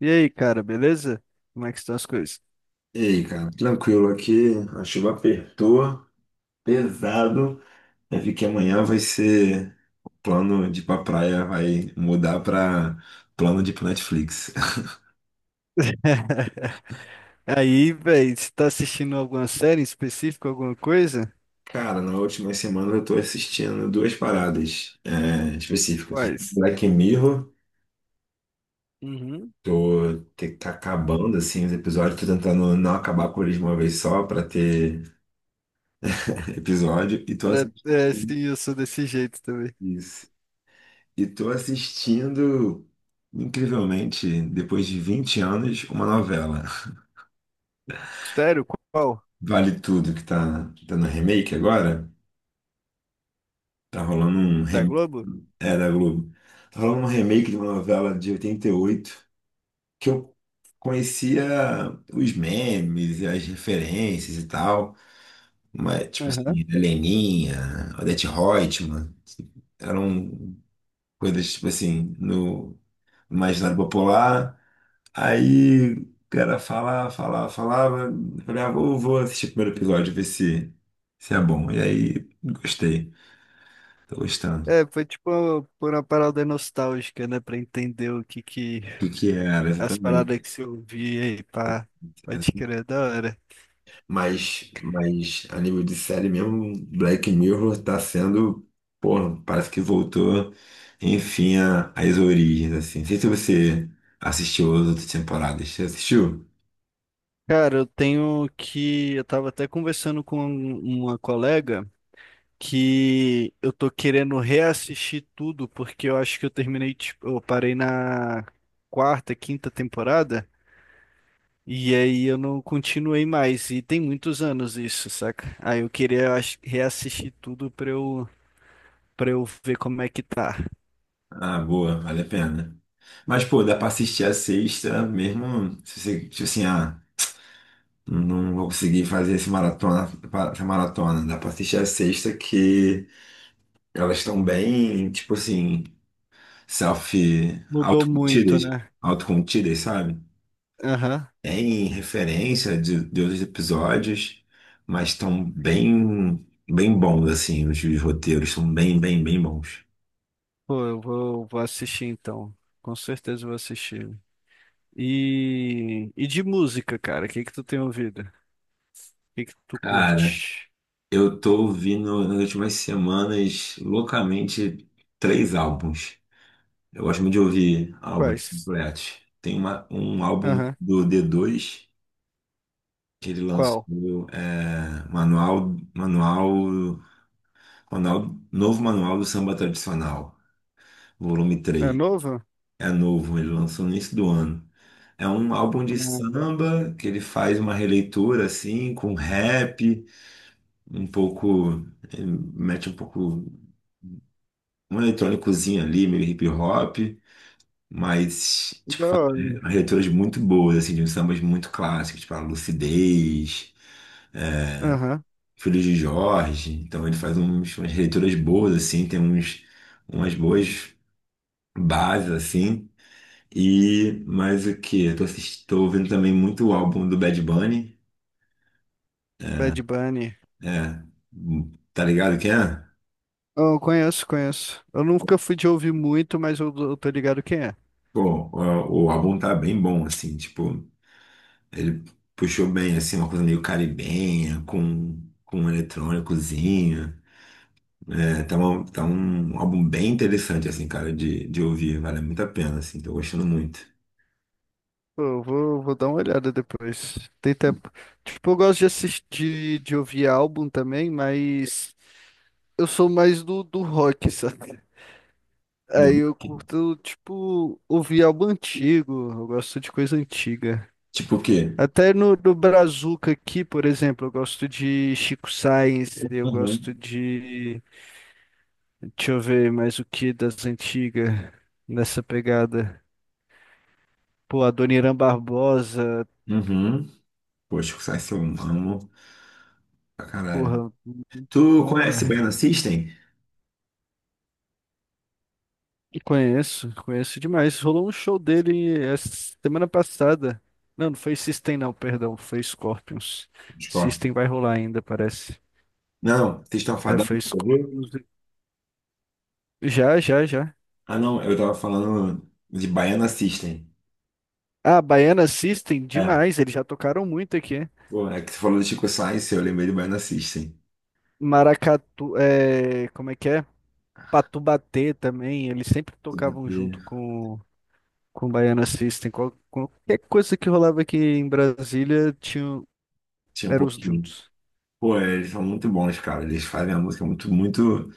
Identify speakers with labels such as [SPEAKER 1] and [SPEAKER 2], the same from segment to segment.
[SPEAKER 1] E aí, cara, beleza? Como é que estão as coisas?
[SPEAKER 2] E aí, cara, tranquilo aqui, a chuva apertou, pesado. Eu vi que amanhã vai ser plano de ir pra praia, vai mudar pra plano de ir pro Netflix.
[SPEAKER 1] Aí, velho, você tá assistindo alguma série em específico, alguma coisa?
[SPEAKER 2] Cara, na última semana eu tô assistindo duas paradas específicas.
[SPEAKER 1] Quais?
[SPEAKER 2] Black Mirror,
[SPEAKER 1] Uhum.
[SPEAKER 2] tá acabando assim os episódios, tô tentando não acabar com eles de uma vez só pra ter episódio, e tô assistindo.
[SPEAKER 1] É, sim, eu sou desse jeito também.
[SPEAKER 2] E tô assistindo, incrivelmente, depois de 20 anos, uma novela.
[SPEAKER 1] Sério? Qual?
[SPEAKER 2] Vale Tudo, que tá dando remake agora. Tá rolando um
[SPEAKER 1] Da
[SPEAKER 2] remake.
[SPEAKER 1] Globo?
[SPEAKER 2] É, da Globo. Tá rolando um remake de uma novela de 88 que eu conhecia os memes e as referências e tal. Mas, tipo assim,
[SPEAKER 1] Aham.
[SPEAKER 2] Heleninha, Odete Roitman, eram coisas, tipo assim, no imaginário popular. Aí o cara falava, falava, falava. Eu falei, ah, vou, vou assistir o primeiro episódio, ver se é bom. E aí, gostei. Tô gostando.
[SPEAKER 1] É, foi tipo por uma parada nostálgica, né? Pra entender o que que...
[SPEAKER 2] O que que era
[SPEAKER 1] As
[SPEAKER 2] exatamente?
[SPEAKER 1] paradas que você ouvia aí, pá. Pode crer, é da hora.
[SPEAKER 2] Mas a nível de série mesmo, Black Mirror tá sendo, porra, parece que voltou, enfim, às origens, assim. Não sei se você assistiu as outras temporadas. Você assistiu?
[SPEAKER 1] Cara, eu tenho que... Eu tava até conversando com uma colega... que eu tô querendo reassistir tudo, porque eu acho que eu terminei, tipo, eu parei na quarta, quinta temporada, e aí eu não continuei mais, e tem muitos anos isso, saca? Aí eu queria eu acho, reassistir tudo pra eu ver como é que tá.
[SPEAKER 2] Ah, boa, vale a pena. Mas, pô, dá pra assistir a sexta mesmo, se você, tipo assim, ah. Não vou conseguir fazer esse maratona, essa maratona. Dá pra assistir a sexta que elas estão bem, tipo assim, self,
[SPEAKER 1] Mudou muito,
[SPEAKER 2] autocontidas,
[SPEAKER 1] né?
[SPEAKER 2] autocontidas, sabe?
[SPEAKER 1] Aham.
[SPEAKER 2] Tem referência de outros episódios, mas estão bem, bem bons, assim, os roteiros são bem, bem, bem bons.
[SPEAKER 1] Pô, eu vou, vou assistir então. Com certeza eu vou assistir. E de música, cara, o que que tu tem ouvido? O que que tu
[SPEAKER 2] Cara,
[SPEAKER 1] curte?
[SPEAKER 2] eu tô ouvindo nas últimas semanas loucamente três álbuns. Eu gosto muito de ouvir álbuns
[SPEAKER 1] Quais?
[SPEAKER 2] completos. Tem um álbum
[SPEAKER 1] Aham.
[SPEAKER 2] do D2 que ele
[SPEAKER 1] Qual?
[SPEAKER 2] lançou, Manual, Manual, Manual, Novo Manual do Samba Tradicional, volume
[SPEAKER 1] É
[SPEAKER 2] 3.
[SPEAKER 1] novo?
[SPEAKER 2] É novo, ele lançou no início do ano. É um álbum de
[SPEAKER 1] Não.
[SPEAKER 2] samba que ele faz uma releitura assim, com rap, um pouco, ele mete um pouco um eletrônicozinho ali, meio hip hop, mas
[SPEAKER 1] Da hora.
[SPEAKER 2] umas leituras muito boas, assim, de uns sambas muito clássicos, tipo a Lucidez,
[SPEAKER 1] Aham.
[SPEAKER 2] Filhos de Jorge. Então ele faz uns, umas leituras boas, assim, tem uns, umas boas bases, assim. E mais o que? Tô ouvindo também muito o álbum do Bad Bunny,
[SPEAKER 1] Bad Bunny.
[SPEAKER 2] é, tá ligado que é?
[SPEAKER 1] Oh, conheço, conheço. Eu nunca fui de ouvir muito, mas eu tô ligado quem é.
[SPEAKER 2] Pô, o álbum tá bem bom, assim, tipo, ele puxou bem, assim, uma coisa meio caribenha, com um eletrônicozinho. É, tá, tá um álbum bem interessante, assim, cara, de ouvir. Vale muito a pena, assim. Tô gostando muito.
[SPEAKER 1] Pô, eu vou, vou dar uma olhada depois. Tem tempo. Tipo, eu gosto de assistir, de ouvir álbum também, mas eu sou mais do rock, sabe? Aí
[SPEAKER 2] Do-
[SPEAKER 1] eu curto, tipo, ouvir álbum antigo. Eu gosto de coisa antiga.
[SPEAKER 2] Tipo o quê?
[SPEAKER 1] Até no Brazuca aqui, por exemplo, eu gosto de Chico Sainz, eu gosto
[SPEAKER 2] Uhum.
[SPEAKER 1] de. Deixa eu ver mais o que das antigas nessa pegada. Pô, a Dona Irã Barbosa,
[SPEAKER 2] Uhum. Poxa, o Psy eu amo pra caralho.
[SPEAKER 1] porra, muito
[SPEAKER 2] Tu
[SPEAKER 1] bom,
[SPEAKER 2] conhece
[SPEAKER 1] velho.
[SPEAKER 2] Baiana System?
[SPEAKER 1] E conheço, conheço demais. Rolou um show dele essa semana passada. Não, não foi System, não, perdão, foi Scorpions.
[SPEAKER 2] Tipo,
[SPEAKER 1] System vai rolar ainda, parece.
[SPEAKER 2] não, vocês estão
[SPEAKER 1] É,
[SPEAKER 2] fadando,
[SPEAKER 1] foi
[SPEAKER 2] ouviu?
[SPEAKER 1] Scorpions. Já, já, já.
[SPEAKER 2] Ah, não, eu tava falando de Baiana System.
[SPEAKER 1] Ah, Baiana System,
[SPEAKER 2] É.
[SPEAKER 1] demais, eles já tocaram muito aqui.
[SPEAKER 2] Pô, é que você falou do Chico Science, eu lembrei do Baiana System.
[SPEAKER 1] Maracatu, é, como é que é? Patubatê também, eles sempre tocavam junto
[SPEAKER 2] Eu
[SPEAKER 1] com o Baiana System, qualquer coisa que rolava aqui em Brasília, tinha,
[SPEAKER 2] tinha um
[SPEAKER 1] eram os
[SPEAKER 2] pouquinho.
[SPEAKER 1] juntos.
[SPEAKER 2] Pô, eles são muito bons, cara. Eles fazem a música muito, muito.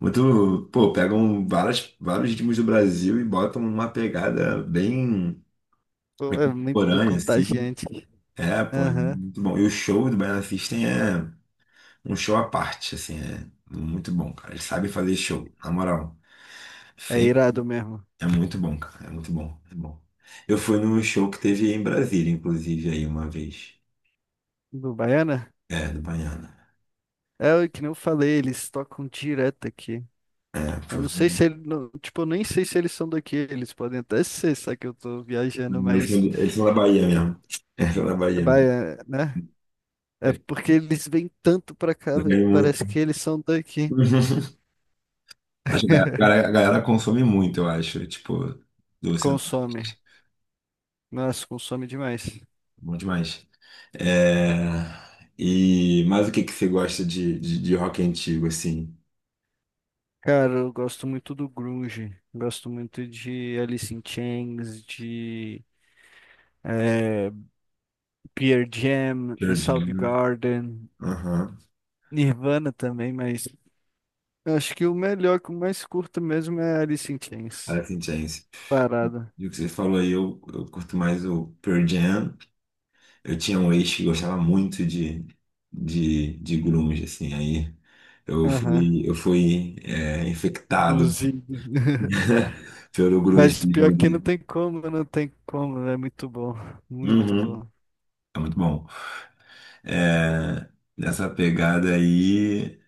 [SPEAKER 2] Muito, pô, pegam várias, vários ritmos do Brasil e botam numa pegada bem,
[SPEAKER 1] Pô,
[SPEAKER 2] bem
[SPEAKER 1] é muito
[SPEAKER 2] contemporânea, assim.
[SPEAKER 1] contagiante.
[SPEAKER 2] É, pô, é
[SPEAKER 1] Aham,
[SPEAKER 2] muito bom. E o show do Baiana System é um show à parte, assim, é muito bom, cara. Eles sabem fazer show, na moral.
[SPEAKER 1] é
[SPEAKER 2] Sempre.
[SPEAKER 1] irado mesmo.
[SPEAKER 2] É muito bom, cara. É muito bom, é bom. Eu fui num show que teve em Brasília, inclusive, aí uma vez.
[SPEAKER 1] Do Baiana?
[SPEAKER 2] É, do Baiana.
[SPEAKER 1] É o que nem eu falei, eles tocam direto aqui.
[SPEAKER 2] É,
[SPEAKER 1] Eu
[SPEAKER 2] foi...
[SPEAKER 1] não sei se eles, tipo, eu nem sei se eles são daqui, eles podem até ser, só que eu tô viajando, mas
[SPEAKER 2] Eles são da Bahia mesmo. Eles são da Bahia mesmo.
[SPEAKER 1] Baiana, né? É porque eles vêm tanto pra cá,
[SPEAKER 2] Eu
[SPEAKER 1] véi,
[SPEAKER 2] ganhei
[SPEAKER 1] que parece
[SPEAKER 2] muito.
[SPEAKER 1] que eles são daqui.
[SPEAKER 2] Acho que a galera consome muito, eu acho. Tipo, do
[SPEAKER 1] Consome.
[SPEAKER 2] Centro-Oeste.
[SPEAKER 1] Nossa, consome demais.
[SPEAKER 2] Bom demais. É, E... Mas o que que você gosta de rock antigo, assim?
[SPEAKER 1] Cara, eu gosto muito do grunge, gosto muito de Alice in Chains, de eh, Pearl Jam,
[SPEAKER 2] Pearl Jam.
[SPEAKER 1] Soundgarden,
[SPEAKER 2] Aham.
[SPEAKER 1] Nirvana também, mas eu acho que o melhor, que eu mais curto mesmo é Alice in Chains,
[SPEAKER 2] Alice in Chains.
[SPEAKER 1] parada.
[SPEAKER 2] E o que você falou aí, eu curto mais o Pearl Jam. Eu tinha um ex que gostava muito de grunge, assim. Aí
[SPEAKER 1] Aham,
[SPEAKER 2] eu fui infectado
[SPEAKER 1] induzido.
[SPEAKER 2] pelo
[SPEAKER 1] Mas
[SPEAKER 2] grungismo
[SPEAKER 1] pior que não
[SPEAKER 2] dele.
[SPEAKER 1] tem como, não tem como, é muito bom, muito
[SPEAKER 2] Uhum.
[SPEAKER 1] bom.
[SPEAKER 2] É muito bom. É, nessa pegada aí,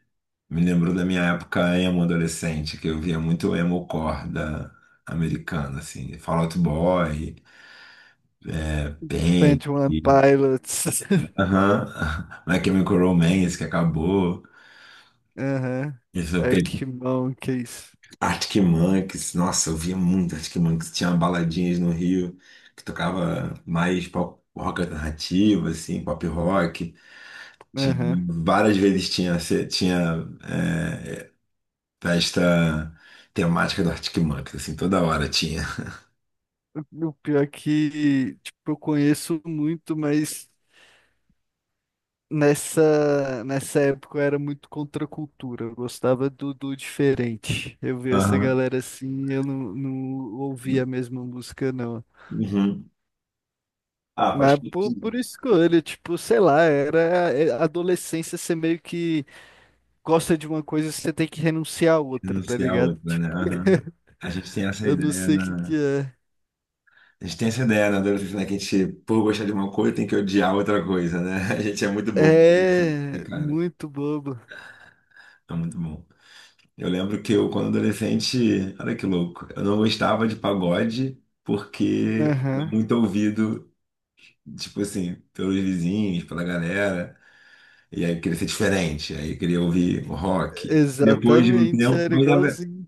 [SPEAKER 2] me lembrou da minha época emo adolescente, que eu via muito emo-core da americana, assim, Fall Out Boy, Pink,
[SPEAKER 1] Twenty One Pilots,
[SPEAKER 2] aham, My Chemical Romance, que acabou,
[SPEAKER 1] aham,
[SPEAKER 2] isso eu peguei,
[SPEAKER 1] Arctic Monkeys,
[SPEAKER 2] Arctic Monkeys, nossa, eu via muito Arctic Monkeys, tinha baladinhas no Rio, que tocava mais pop rock alternativo, assim, pop rock, tinha,
[SPEAKER 1] aham.
[SPEAKER 2] várias vezes tinha, tinha é, Festa temática do Arctic Monkeys, assim, toda hora tinha.
[SPEAKER 1] O pior é que, tipo, eu conheço muito, mas nessa época eu era muito contra a cultura. Eu gostava do diferente. Eu via essa
[SPEAKER 2] Aham.
[SPEAKER 1] galera assim, eu não, não ouvia a mesma música, não.
[SPEAKER 2] Uhum. Ah, pode
[SPEAKER 1] Mas por escolha, tipo, sei lá, era adolescência, você meio que gosta de uma coisa, você tem que renunciar a outra, tá
[SPEAKER 2] anunciar
[SPEAKER 1] ligado?
[SPEAKER 2] outra, né?
[SPEAKER 1] Tipo,
[SPEAKER 2] Aham. A gente tem essa
[SPEAKER 1] eu não
[SPEAKER 2] ideia
[SPEAKER 1] sei o que que
[SPEAKER 2] na.
[SPEAKER 1] é.
[SPEAKER 2] A gente tem essa ideia na adolescência, né? Que a gente, por gostar de uma coisa, tem que odiar outra coisa, né? A gente é muito bobo, assim, né,
[SPEAKER 1] É
[SPEAKER 2] cara?
[SPEAKER 1] muito bobo.
[SPEAKER 2] É muito bom. Eu lembro que eu, quando adolescente, olha que louco, eu não gostava de pagode porque era
[SPEAKER 1] Aham.
[SPEAKER 2] muito ouvido, tipo assim, pelos vizinhos, pela galera. E aí eu queria ser diferente, aí eu queria ouvir rock. Depois de um
[SPEAKER 1] Exatamente,
[SPEAKER 2] tempo,
[SPEAKER 1] era igualzinho.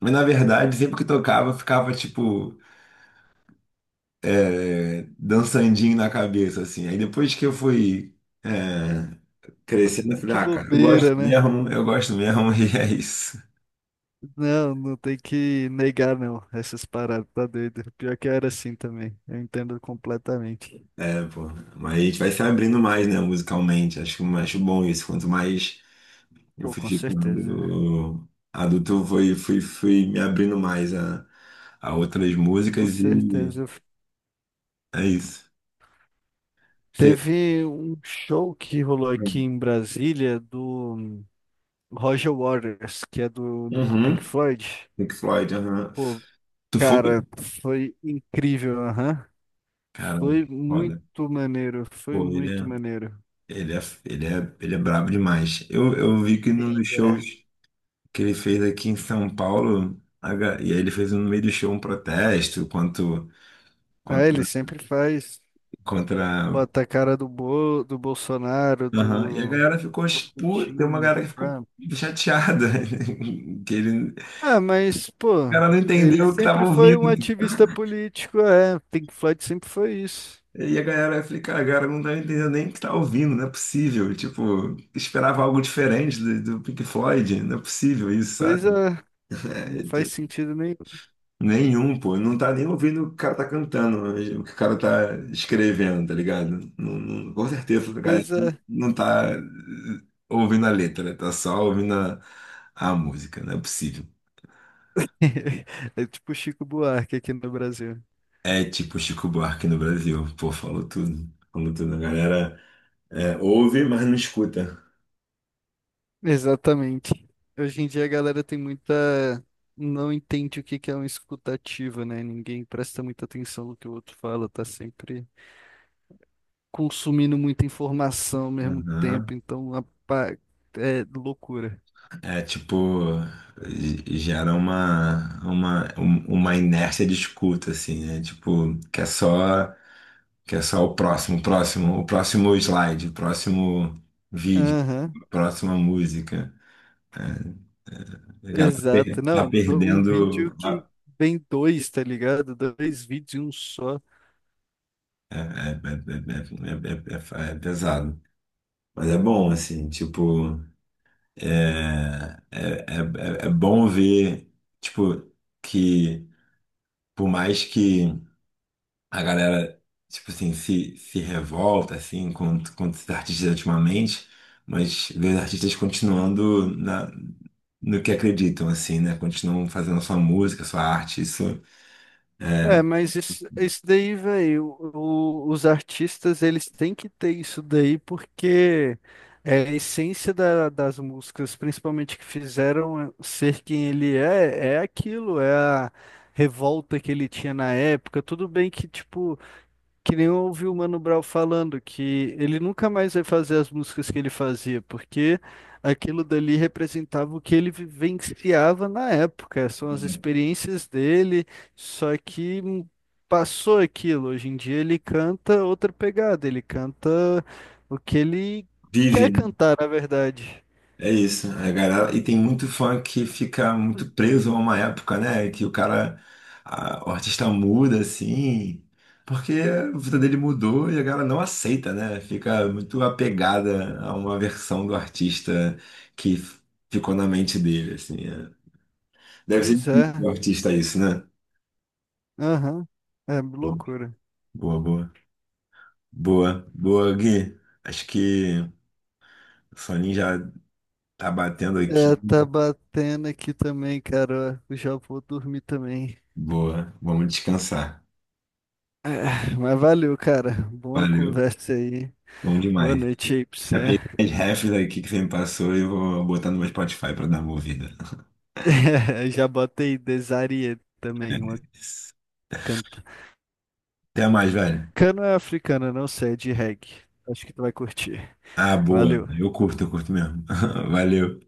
[SPEAKER 2] mas na verdade, sempre que tocava, ficava tipo dançandinho na cabeça, assim. Aí depois que eu fui é, crescendo, eu falei,
[SPEAKER 1] Que
[SPEAKER 2] ah, cara,
[SPEAKER 1] bobeira, né?
[SPEAKER 2] eu gosto mesmo, e é isso.
[SPEAKER 1] Não, não tem que negar, não. Essas paradas, tá doido. Pior que eu era assim também. Eu entendo completamente.
[SPEAKER 2] É, pô. Mas a gente vai se abrindo mais, né, musicalmente. Acho, acho bom isso. Quanto mais eu
[SPEAKER 1] Pô,
[SPEAKER 2] fui
[SPEAKER 1] com certeza.
[SPEAKER 2] ficando adulto, fui me abrindo mais a outras
[SPEAKER 1] Com
[SPEAKER 2] músicas e
[SPEAKER 1] certeza.
[SPEAKER 2] é isso. Você-
[SPEAKER 1] Teve um show que rolou aqui em Brasília do Roger Waters, que é do Pink
[SPEAKER 2] Uhum.
[SPEAKER 1] Floyd.
[SPEAKER 2] Pink Floyd, aham.
[SPEAKER 1] Pô,
[SPEAKER 2] Tu foi?
[SPEAKER 1] cara, foi incrível, aham.
[SPEAKER 2] Cara,
[SPEAKER 1] Foi
[SPEAKER 2] que foda.
[SPEAKER 1] muito maneiro, foi
[SPEAKER 2] Pô, ele
[SPEAKER 1] muito
[SPEAKER 2] é,
[SPEAKER 1] maneiro.
[SPEAKER 2] ele é, ele é brabo demais. Eu vi que nos
[SPEAKER 1] Ele
[SPEAKER 2] shows
[SPEAKER 1] é.
[SPEAKER 2] que ele fez aqui em São Paulo, e aí ele fez um no meio do show um protesto contra,
[SPEAKER 1] É, ele sempre faz.
[SPEAKER 2] contra...
[SPEAKER 1] Bota a cara do, do Bolsonaro,
[SPEAKER 2] Aham, e a
[SPEAKER 1] do,
[SPEAKER 2] galera ficou,
[SPEAKER 1] do
[SPEAKER 2] puta, tem uma
[SPEAKER 1] Putin,
[SPEAKER 2] galera que ficou
[SPEAKER 1] Trump.
[SPEAKER 2] chateada, que ele, o
[SPEAKER 1] Ah, mas, pô,
[SPEAKER 2] cara não
[SPEAKER 1] ele
[SPEAKER 2] entendeu o que tava
[SPEAKER 1] sempre foi um
[SPEAKER 2] ouvindo.
[SPEAKER 1] ativista político, é. Pink Floyd sempre foi isso.
[SPEAKER 2] E a galera vai ficar, cara, a galera não tá entendendo nem o que tá ouvindo, não é possível. Tipo, esperava algo diferente do Pink Floyd, não é possível isso, sabe?
[SPEAKER 1] Coisa. Não
[SPEAKER 2] É,
[SPEAKER 1] faz
[SPEAKER 2] tipo,
[SPEAKER 1] sentido nenhum.
[SPEAKER 2] nenhum, pô. Não tá nem ouvindo o que o cara tá cantando, mas o que o cara tá escrevendo, tá ligado? Com certeza, a galera
[SPEAKER 1] Coisa.
[SPEAKER 2] não tá ouvindo a letra, tá só ouvindo a música, não é possível.
[SPEAKER 1] É tipo Chico Buarque aqui no Brasil.
[SPEAKER 2] É tipo Chico Buarque no Brasil, pô, falou tudo. Falou tudo, a galera ouve, mas não escuta.
[SPEAKER 1] Exatamente. Hoje em dia a galera tem muita. Não entende o que que é uma escutativa, né? Ninguém presta muita atenção no que o outro fala, tá sempre. Consumindo muita informação ao mesmo
[SPEAKER 2] Aham.
[SPEAKER 1] tempo, então é loucura.
[SPEAKER 2] É tipo, gera uma inércia de escuta, assim, né? Tipo, que é só o próximo, o próximo, o próximo slide, o próximo vídeo,
[SPEAKER 1] Aham,
[SPEAKER 2] a próxima música. A galera tá per-
[SPEAKER 1] exato.
[SPEAKER 2] Tá
[SPEAKER 1] Não, um vídeo
[SPEAKER 2] perdendo.
[SPEAKER 1] que vem dois, tá ligado? Dois vídeos em um só.
[SPEAKER 2] É, é, é, é, é, é pesado. Mas é bom, assim, tipo, é bom ver, tipo, que por mais que. A galera, tipo assim, se revolta, assim, contra os artistas ultimamente, mas vê os artistas continuando na, no que acreditam, assim, né? Continuam fazendo a sua música, a sua arte, isso
[SPEAKER 1] É, mas isso daí, velho, os artistas, eles têm que ter isso daí porque é a essência das músicas, principalmente que fizeram ser quem ele é, é aquilo, é a revolta que ele tinha na época. Tudo bem que, tipo, que nem eu ouvi o Mano Brown falando que ele nunca mais vai fazer as músicas que ele fazia, porque aquilo dali representava o que ele vivenciava na época, são as experiências dele, só que passou aquilo. Hoje em dia ele canta outra pegada, ele canta o que ele
[SPEAKER 2] vive,
[SPEAKER 1] quer
[SPEAKER 2] né?
[SPEAKER 1] cantar, na verdade.
[SPEAKER 2] É isso, a galera, e tem muito fã que fica muito preso a uma época, né? Que o cara, o artista muda assim, porque a vida dele mudou e a galera não aceita, né? Fica muito apegada a uma versão do artista que f- ficou na mente dele, assim. É. Deve ser
[SPEAKER 1] Pois
[SPEAKER 2] difícil o
[SPEAKER 1] é,
[SPEAKER 2] artista isso, né?
[SPEAKER 1] aham, é
[SPEAKER 2] Bom,
[SPEAKER 1] loucura.
[SPEAKER 2] Boa, boa, boa, Gui. Acho que o soninho já tá batendo
[SPEAKER 1] É,
[SPEAKER 2] aqui.
[SPEAKER 1] tá batendo aqui também, cara. Ó, eu já vou dormir também.
[SPEAKER 2] Boa, vamos descansar.
[SPEAKER 1] É, mas valeu, cara. Boa
[SPEAKER 2] Valeu,
[SPEAKER 1] conversa aí.
[SPEAKER 2] bom
[SPEAKER 1] Boa
[SPEAKER 2] demais.
[SPEAKER 1] noite aí pra
[SPEAKER 2] Já
[SPEAKER 1] você.
[SPEAKER 2] peguei as refs aqui que você me passou e vou botar no meu Spotify pra dar uma ouvida.
[SPEAKER 1] É, já botei Desarié
[SPEAKER 2] É
[SPEAKER 1] também, uma
[SPEAKER 2] isso.
[SPEAKER 1] canto.
[SPEAKER 2] Até mais, velho.
[SPEAKER 1] Cana africana, não sei, é de reggae. Acho que tu vai curtir.
[SPEAKER 2] Ah, boa.
[SPEAKER 1] Valeu.
[SPEAKER 2] Eu curto mesmo. Valeu.